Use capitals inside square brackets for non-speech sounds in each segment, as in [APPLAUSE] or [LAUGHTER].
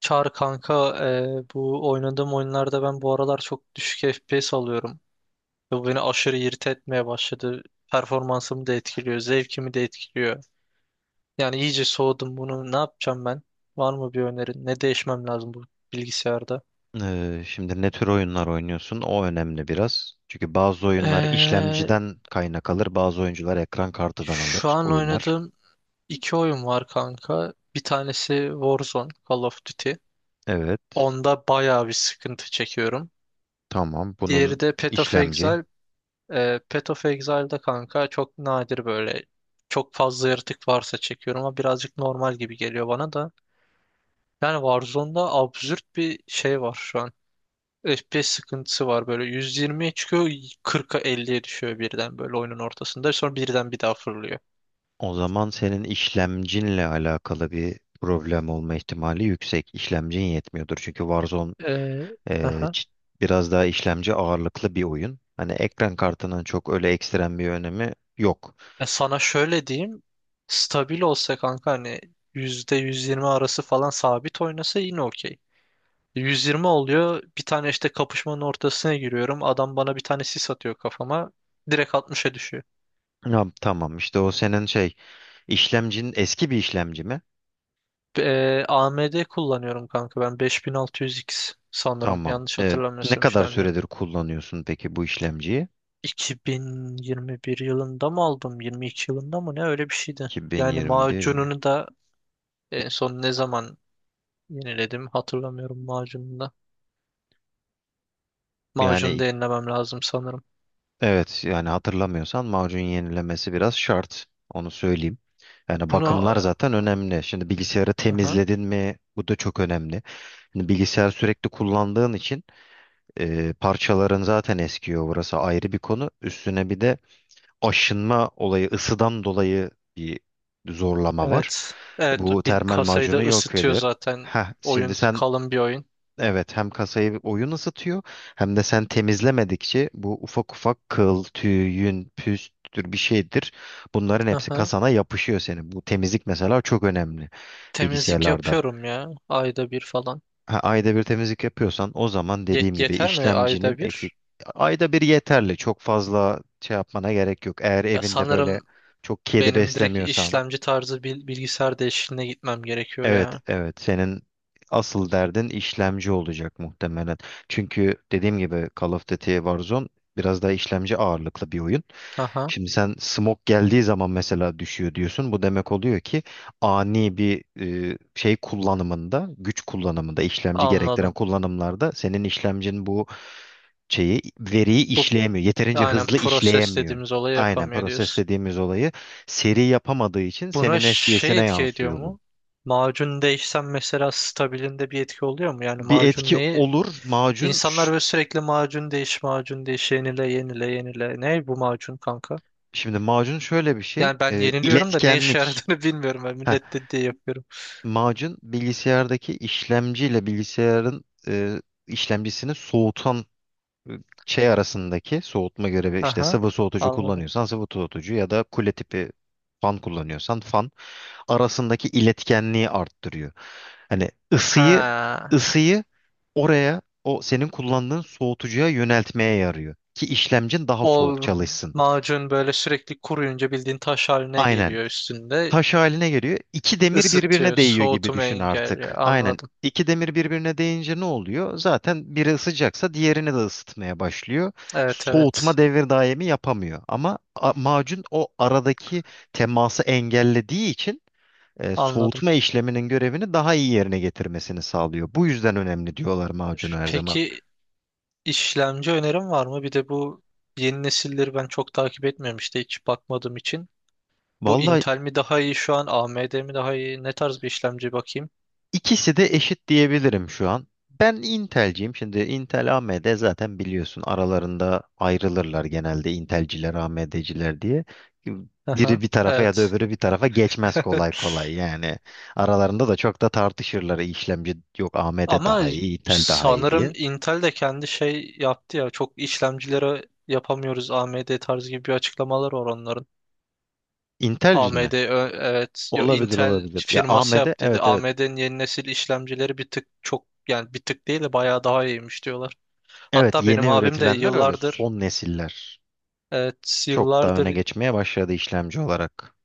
Çağrı kanka, bu oynadığım oyunlarda ben bu aralar çok düşük FPS alıyorum. Ve bu beni aşırı irite etmeye başladı. Performansımı da etkiliyor, zevkimi de etkiliyor. Yani iyice soğudum bunu. Ne yapacağım ben? Var mı bir önerin? Ne değişmem lazım bu bilgisayarda? Şimdi ne tür oyunlar oynuyorsun? O önemli biraz. Çünkü bazı oyunlar E, işlemciden kaynak alır, bazı oyuncular ekran kartıdan Şu alır an oyunlar. oynadığım iki oyun var kanka. Bir tanesi Warzone, Call of Duty. Evet, Onda bayağı bir sıkıntı çekiyorum. tamam. Bunun Diğeri de Path of işlemci. Exile. Path of Exile'da kanka çok nadir böyle çok fazla yaratık varsa çekiyorum, ama birazcık normal gibi geliyor bana da. Yani Warzone'da absürt bir şey var şu an. FPS sıkıntısı var, böyle 120'ye çıkıyor, 40'a 50'ye düşüyor birden böyle oyunun ortasında, sonra birden bir daha fırlıyor. O zaman senin işlemcinle alakalı bir problem olma ihtimali yüksek. İşlemcin yetmiyordur. Çünkü Warzone Ee, e, aha. ç- biraz daha işlemci ağırlıklı bir oyun. Hani ekran kartının çok öyle ekstrem bir önemi yok. Ya sana şöyle diyeyim, stabil olsa kanka, hani %120 arası falan sabit oynasa yine okey. 120 oluyor. Bir tane işte kapışmanın ortasına giriyorum. Adam bana bir tane sis atıyor kafama. Direkt 60'a düşüyor. Ya, tamam işte o senin şey işlemcin eski bir işlemci mi? AMD kullanıyorum kanka, ben 5600X sanırım. Tamam. Yanlış Evet. Ne hatırlamıyorsam kadar işlemci. süredir kullanıyorsun peki bu işlemciyi? 2021 yılında mı aldım? 22 yılında mı? Ne öyle bir şeydi. Yani 2021. macununu da en son ne zaman yeniledim hatırlamıyorum, macununu da. Macunu da Yani yenilemem lazım sanırım. evet, yani hatırlamıyorsan macun yenilemesi biraz şart. Onu söyleyeyim. Yani Bunu bakımlar zaten önemli. Şimdi bilgisayarı aha. temizledin mi? Bu da çok önemli. Şimdi bilgisayar sürekli kullandığın için parçaların zaten eskiyor. Burası ayrı bir konu. Üstüne bir de aşınma olayı, ısıdan dolayı bir zorlama var. Evet. Evet, Bu bir termal kasayı da macunu yok ısıtıyor eder. zaten. Heh, şimdi Oyun sen. kalın bir oyun. Evet, hem kasayı oyun ısıtıyor hem de sen temizlemedikçe bu ufak ufak kıl, tüy, yün, püstür bir şeydir. Bunların hepsi Aha. kasana yapışıyor senin. Bu temizlik mesela çok önemli Temizlik bilgisayarlarda. yapıyorum ya, ayda bir falan. Ha, ayda bir temizlik yapıyorsan o zaman dediğim gibi Yeter mi işlemcinin ayda eksik. bir? Ayda bir yeterli. Çok fazla şey yapmana gerek yok. Eğer Ya evinde böyle sanırım çok kedi benim direkt beslemiyorsan. işlemci tarzı bilgisayar değişikliğine gitmem gerekiyor Evet, ya. evet. Senin asıl derdin işlemci olacak muhtemelen. Çünkü dediğim gibi Call of Duty Warzone biraz daha işlemci ağırlıklı bir oyun. Aha, Şimdi sen smoke geldiği zaman mesela düşüyor diyorsun. Bu demek oluyor ki ani bir şey kullanımında, güç kullanımında, işlemci gerektiren anladım. kullanımlarda senin işlemcin bu şeyi, veriyi Bu işleyemiyor. Yeterince aynen hızlı proses işleyemiyor. dediğimiz olayı Aynen yapamıyor proses diyorsun. dediğimiz olayı seri yapamadığı için Buna senin şey FPS'ine etki ediyor yansıyor bu. mu? Macun değişsem mesela stabilinde bir etki oluyor mu? Yani Bir macun etki neyi olur. İnsanlar böyle sürekli macun değiş, macun değiş, yenile, yenile, yenile. Ne bu macun kanka? Şimdi macun şöyle bir şey. Yani ben E, yeniliyorum da ne işe iletkenlik. yaradığını [LAUGHS] bilmiyorum. Ben Heh, millet dediği yapıyorum. macun bilgisayardaki işlemciyle bilgisayarın işlemcisini soğutan e, şey arasındaki soğutma görevi, işte Aha, sıvı soğutucu anladım. kullanıyorsan sıvı soğutucu ya da kule tipi fan kullanıyorsan fan arasındaki iletkenliği arttırıyor. Hani Ha, ısıyı oraya, o senin kullandığın soğutucuya yöneltmeye yarıyor ki işlemcin daha o soğuk çalışsın. macun böyle sürekli kuruyunca bildiğin taş haline Aynen. geliyor üstünde. Taş haline geliyor. İki demir birbirine Isıtıyor, değiyor gibi soğutmayı düşün engelliyor. artık. Aynen. Anladım. İki demir birbirine değince ne oluyor? Zaten biri ısıcaksa diğerini de ısıtmaya başlıyor. Evet, evet, Soğutma devir daimi yapamıyor. Ama macun o aradaki teması engellediği için anladım. soğutma işleminin görevini daha iyi yerine getirmesini sağlıyor. Bu yüzden önemli diyorlar macunu her zaman. Peki, işlemci önerim var mı? Bir de bu yeni nesilleri ben çok takip etmiyorum işte, hiç bakmadığım için. Bu Vallahi Intel mi daha iyi şu an? AMD mi daha iyi? Ne tarz bir işlemci bakayım? İkisi de eşit diyebilirim şu an. Ben Intel'ciyim. Şimdi Intel AMD, zaten biliyorsun, aralarında ayrılırlar genelde Intel'ciler AMD'ciler diye. Biri Aha, bir tarafa ya da evet. öbürü bir tarafa geçmez kolay [LAUGHS] kolay yani. Aralarında da çok da tartışırlar, işlemci yok, AMD Ama daha iyi, Intel daha iyi sanırım diye. Intel de kendi şey yaptı ya. Çok işlemcilere yapamıyoruz AMD tarzı, gibi bir açıklamalar var onların. Intel'ci mi? AMD evet, yo, Olabilir, Intel olabilir. Ya firması AMD, yaptıydı. evet, evet. AMD'nin yeni nesil işlemcileri bir tık çok, yani bir tık değil de bayağı daha iyiymiş diyorlar. Evet, Hatta yeni benim abim de üretilenler öyle yıllardır, son nesiller. evet, Çok daha öne yıllardır, geçmeye başladı işlemci olarak.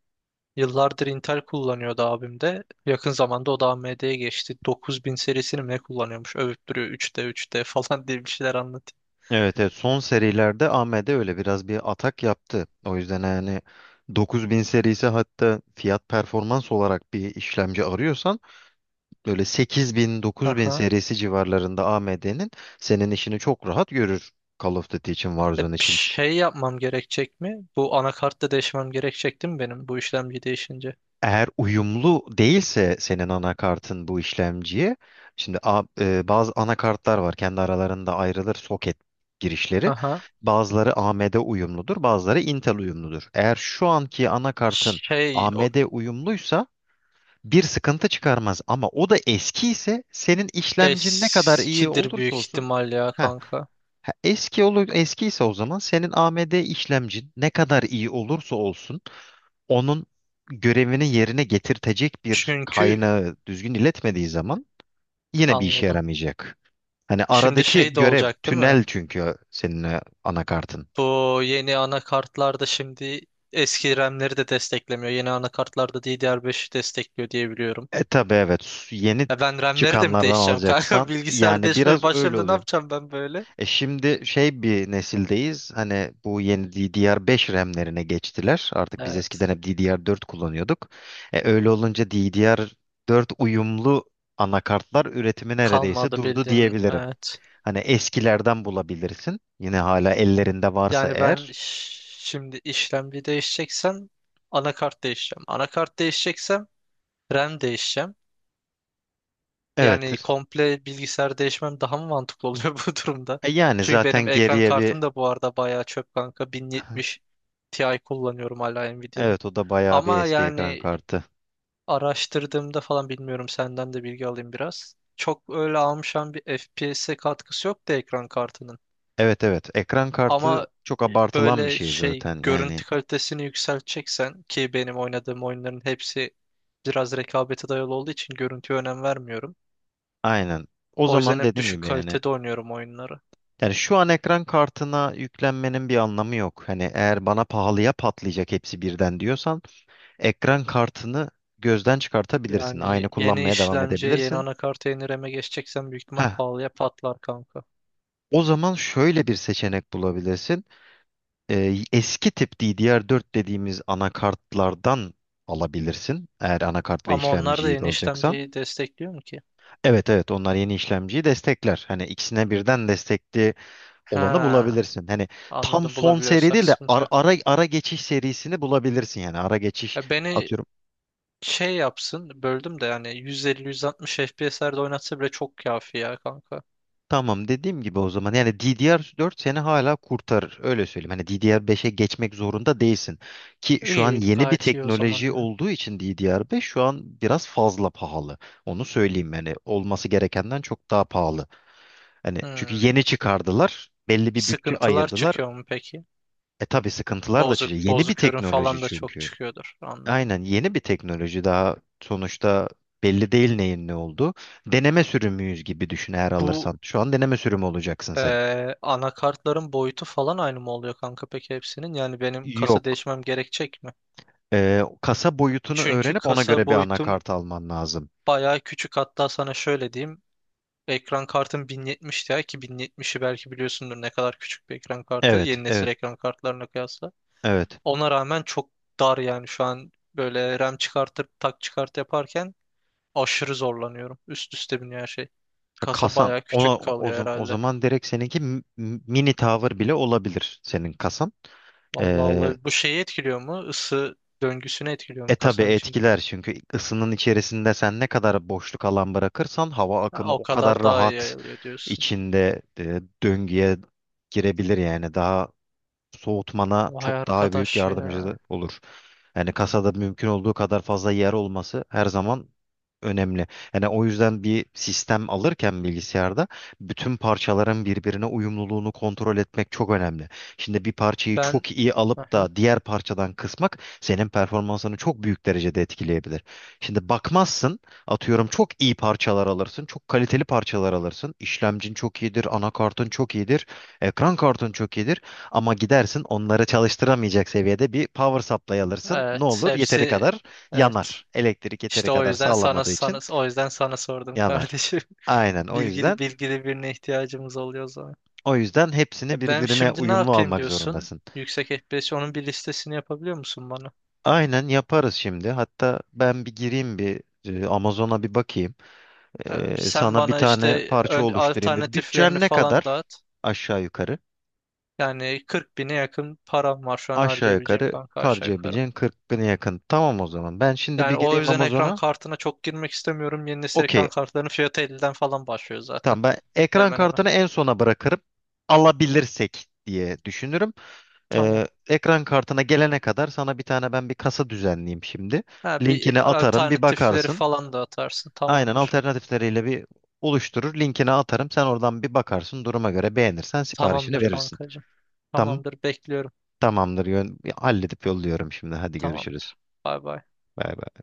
yıllardır Intel kullanıyordu abim de. Yakın zamanda o da AMD'ye geçti. 9000 serisini mi ne kullanıyormuş? Övüp duruyor, 3D 3D [LAUGHS] falan diye bir şeyler anlatıyor. Evet, evet, son serilerde AMD öyle biraz bir atak yaptı. O yüzden yani 9000 serisi, hatta fiyat performans olarak bir işlemci arıyorsan böyle 8000 9000 Aha. serisi civarlarında AMD'nin, senin işini çok rahat görür. Call of Duty için, Warzone Bir için. şey yapmam gerekecek mi? Bu anakartta değişmem gerekecek değil mi benim, bu işlemci değişince? Eğer uyumlu değilse senin anakartın bu işlemciye, şimdi bazı anakartlar var, kendi aralarında ayrılır soket girişleri. Aha. Bazıları AMD uyumludur, bazıları Intel uyumludur. Eğer şu anki anakartın Şey o, AMD uyumluysa bir sıkıntı çıkarmaz, ama o da eski ise senin işlemcin ne kadar iyi eskidir büyük olursa olsun. ihtimal ya Heh, kanka. ha, eski olur. Eski ise o zaman senin AMD işlemcin ne kadar iyi olursa olsun, onun görevini yerine getirtecek bir Çünkü kaynağı düzgün iletmediği zaman yine bir işe anladım. yaramayacak. Hani Şimdi aradaki şey de görev olacak değil mi? tünel çünkü senin anakartın. Bu yeni anakartlarda şimdi eski RAM'leri de desteklemiyor. Yeni anakartlarda DDR5'i destekliyor diye biliyorum. E tabii, evet, yeni Ya ben RAM'leri de mi çıkanlardan değişeceğim kanka? [LAUGHS] alacaksan Bilgisayar yani değişmeye biraz öyle başladığımda ne oluyor. yapacağım ben böyle? E şimdi şey, bir nesildeyiz hani, bu yeni DDR5 RAM'lerine geçtiler. Artık biz Evet. eskiden hep DDR4 kullanıyorduk. E, öyle olunca DDR4 uyumlu anakartlar üretimi neredeyse Kalmadı durdu bildiğin. diyebilirim. Evet. Hani eskilerden bulabilirsin. Yine hala ellerinde varsa Yani ben eğer. şimdi işlemci değişeceksem anakart değişeceğim. Anakart değişeceksem RAM değişeceğim. Yani Evettir. komple bilgisayar değişmem daha mı mantıklı oluyor [LAUGHS] bu durumda? E, yani Çünkü benim zaten ekran geriye bir kartım da bu arada bayağı çöp kanka. [LAUGHS] 1070 Ti kullanıyorum hala, Nvidia'nın. evet, o da bayağı bir Ama eski ekran yani kartı. araştırdığımda falan, bilmiyorum, senden de bilgi alayım biraz. Çok öyle almışan bir FPS'e katkısı yok da ekran kartının. Evet, evet, ekran kartı Ama çok abartılan bir böyle şey şey, zaten yani. görüntü kalitesini yükselteceksen, ki benim oynadığım oyunların hepsi biraz rekabete dayalı olduğu için görüntüye önem vermiyorum. Aynen. O O yüzden zaman hep dediğim düşük gibi yani. kalitede oynuyorum oyunları. Yani şu an ekran kartına yüklenmenin bir anlamı yok. Hani eğer bana pahalıya patlayacak hepsi birden diyorsan ekran kartını gözden çıkartabilirsin. Yani Aynı yeni kullanmaya devam işlemci, yeni edebilirsin. anakart, yeni RAM'e geçeceksen büyük ihtimal Heh, pahalıya patlar kanka. o zaman şöyle bir seçenek bulabilirsin. Eski tip DDR4 dediğimiz anakartlardan alabilirsin, eğer anakart ve Ama onlar da işlemciyi de yeni alacaksan. işlemciyi destekliyor mu ki? Evet, evet, onlar yeni işlemciyi destekler. Hani ikisine birden destekli olanı Ha, bulabilirsin. Hani tam anladım, son seri bulabiliyorsak değil de sıkıntı yok. Ara geçiş serisini bulabilirsin yani. Ara geçiş Ya beni atıyorum. şey yapsın, böldüm de, yani 150-160 FPS'lerde oynatsa bile çok kafi ya kanka. Tamam, dediğim gibi, o zaman yani DDR4 seni hala kurtarır, öyle söyleyeyim. Hani DDR5'e geçmek zorunda değilsin. Ki şu an İyi, yeni bir gayet iyi o zaman teknoloji ya. olduğu için DDR5 şu an biraz fazla pahalı. Onu söyleyeyim, yani olması gerekenden çok daha pahalı. Hani çünkü Hmm. yeni çıkardılar, belli bir bütçe Sıkıntılar ayırdılar. çıkıyor mu peki? E tabii, sıkıntılar da Bozuk çıkıyor. Yeni bir bozuk ürün teknoloji falan da çok çünkü. çıkıyordur, anladım. Aynen, yeni bir teknoloji daha sonuçta, belli değil neyin ne olduğu. Deneme sürümüyüz gibi düşün eğer Bu alırsan. Şu an deneme sürümü olacaksın sen. Anakartların boyutu falan aynı mı oluyor kanka peki, hepsinin? Yani benim kasa Yok. değişmem gerekecek mi? Kasa boyutunu Çünkü öğrenip ona kasa göre bir boyutum anakart alman lazım. bayağı küçük. Hatta sana şöyle diyeyim. Ekran kartım 1070 Ti, ki 1070'i belki biliyorsundur ne kadar küçük bir ekran kartı, Evet, yeni nesil evet, ekran kartlarına kıyasla. evet. Ona rağmen çok dar yani şu an, böyle RAM çıkartıp tak çıkart yaparken aşırı zorlanıyorum. Üst üste biniyor her şey. Ya, Kasa kasan bayağı küçük kalıyor o herhalde. zaman direkt seninki mini tower bile olabilir senin kasan. Vallahi Ee, olabilir. Bu şeyi etkiliyor mu? Isı döngüsünü etkiliyor e mu tabi kasanın içinde? etkiler, çünkü ısının içerisinde sen ne kadar boşluk alan bırakırsan hava Ha, akımı o o kadar kadar daha iyi rahat yayılıyor diyorsun. içinde döngüye girebilir yani, daha soğutmana Vay çok daha büyük arkadaş yardımcı ya. olur. Yani kasada mümkün olduğu kadar fazla yer olması her zaman önemli. Yani o yüzden bir sistem alırken bilgisayarda bütün parçaların birbirine uyumluluğunu kontrol etmek çok önemli. Şimdi bir parçayı Ben çok iyi alıp aha. da diğer parçadan kısmak senin performansını çok büyük derecede etkileyebilir. Şimdi bakmazsın, atıyorum çok iyi parçalar alırsın, çok kaliteli parçalar alırsın. İşlemcin çok iyidir, anakartın çok iyidir, ekran kartın çok iyidir. Ama gidersin onları çalıştıramayacak seviyede bir power supply alırsın. Ne Evet, olur? Yeteri hepsi kadar evet. yanar. Elektrik yeteri İşte o kadar yüzden sana sağlamadığı sana için o yüzden sana sordum yanar. kardeşim. Aynen [LAUGHS] Bilgili bilgili birine ihtiyacımız oluyor o zaman. o yüzden hepsini Ben birbirine şimdi ne uyumlu yapayım almak diyorsun? zorundasın. Yüksek FPS, onun bir listesini yapabiliyor musun bana? Aynen, yaparız şimdi. Hatta ben bir gireyim, bir Amazon'a bir bakayım. E, Sen sana bir bana tane işte parça oluşturayım. Bir alternatiflerini bütçen ne falan kadar? dağıt. Aşağı yukarı. Yani 40 bine yakın param var şu an Aşağı harcayabileceğim yukarı kanka, aşağı yukarı. harcayabileceğin 40 bine yakın. Tamam, o zaman. Ben şimdi Yani bir o gireyim yüzden ekran Amazon'a. kartına çok girmek istemiyorum. Yeni nesil Okey, ekran kartlarının fiyatı 50'den falan başlıyor zaten. tamam, ben ekran Hemen hemen. kartını en sona bırakırım. Alabilirsek diye düşünürüm. Tamam. Ekran kartına gelene kadar sana bir tane, ben bir kasa düzenleyeyim şimdi. Ha, bir Linkini atarım, bir alternatifleri bakarsın. falan da atarsın. Aynen, Tamamdır. alternatifleriyle bir oluşturur. Linkini atarım. Sen oradan bir bakarsın. Duruma göre beğenirsen siparişini Tamamdır verirsin. kankacığım. Tamam. Tamamdır, bekliyorum. Tamamdır. Halledip yolluyorum şimdi. Hadi görüşürüz. Tamamdır. Bay bay. Bay bay.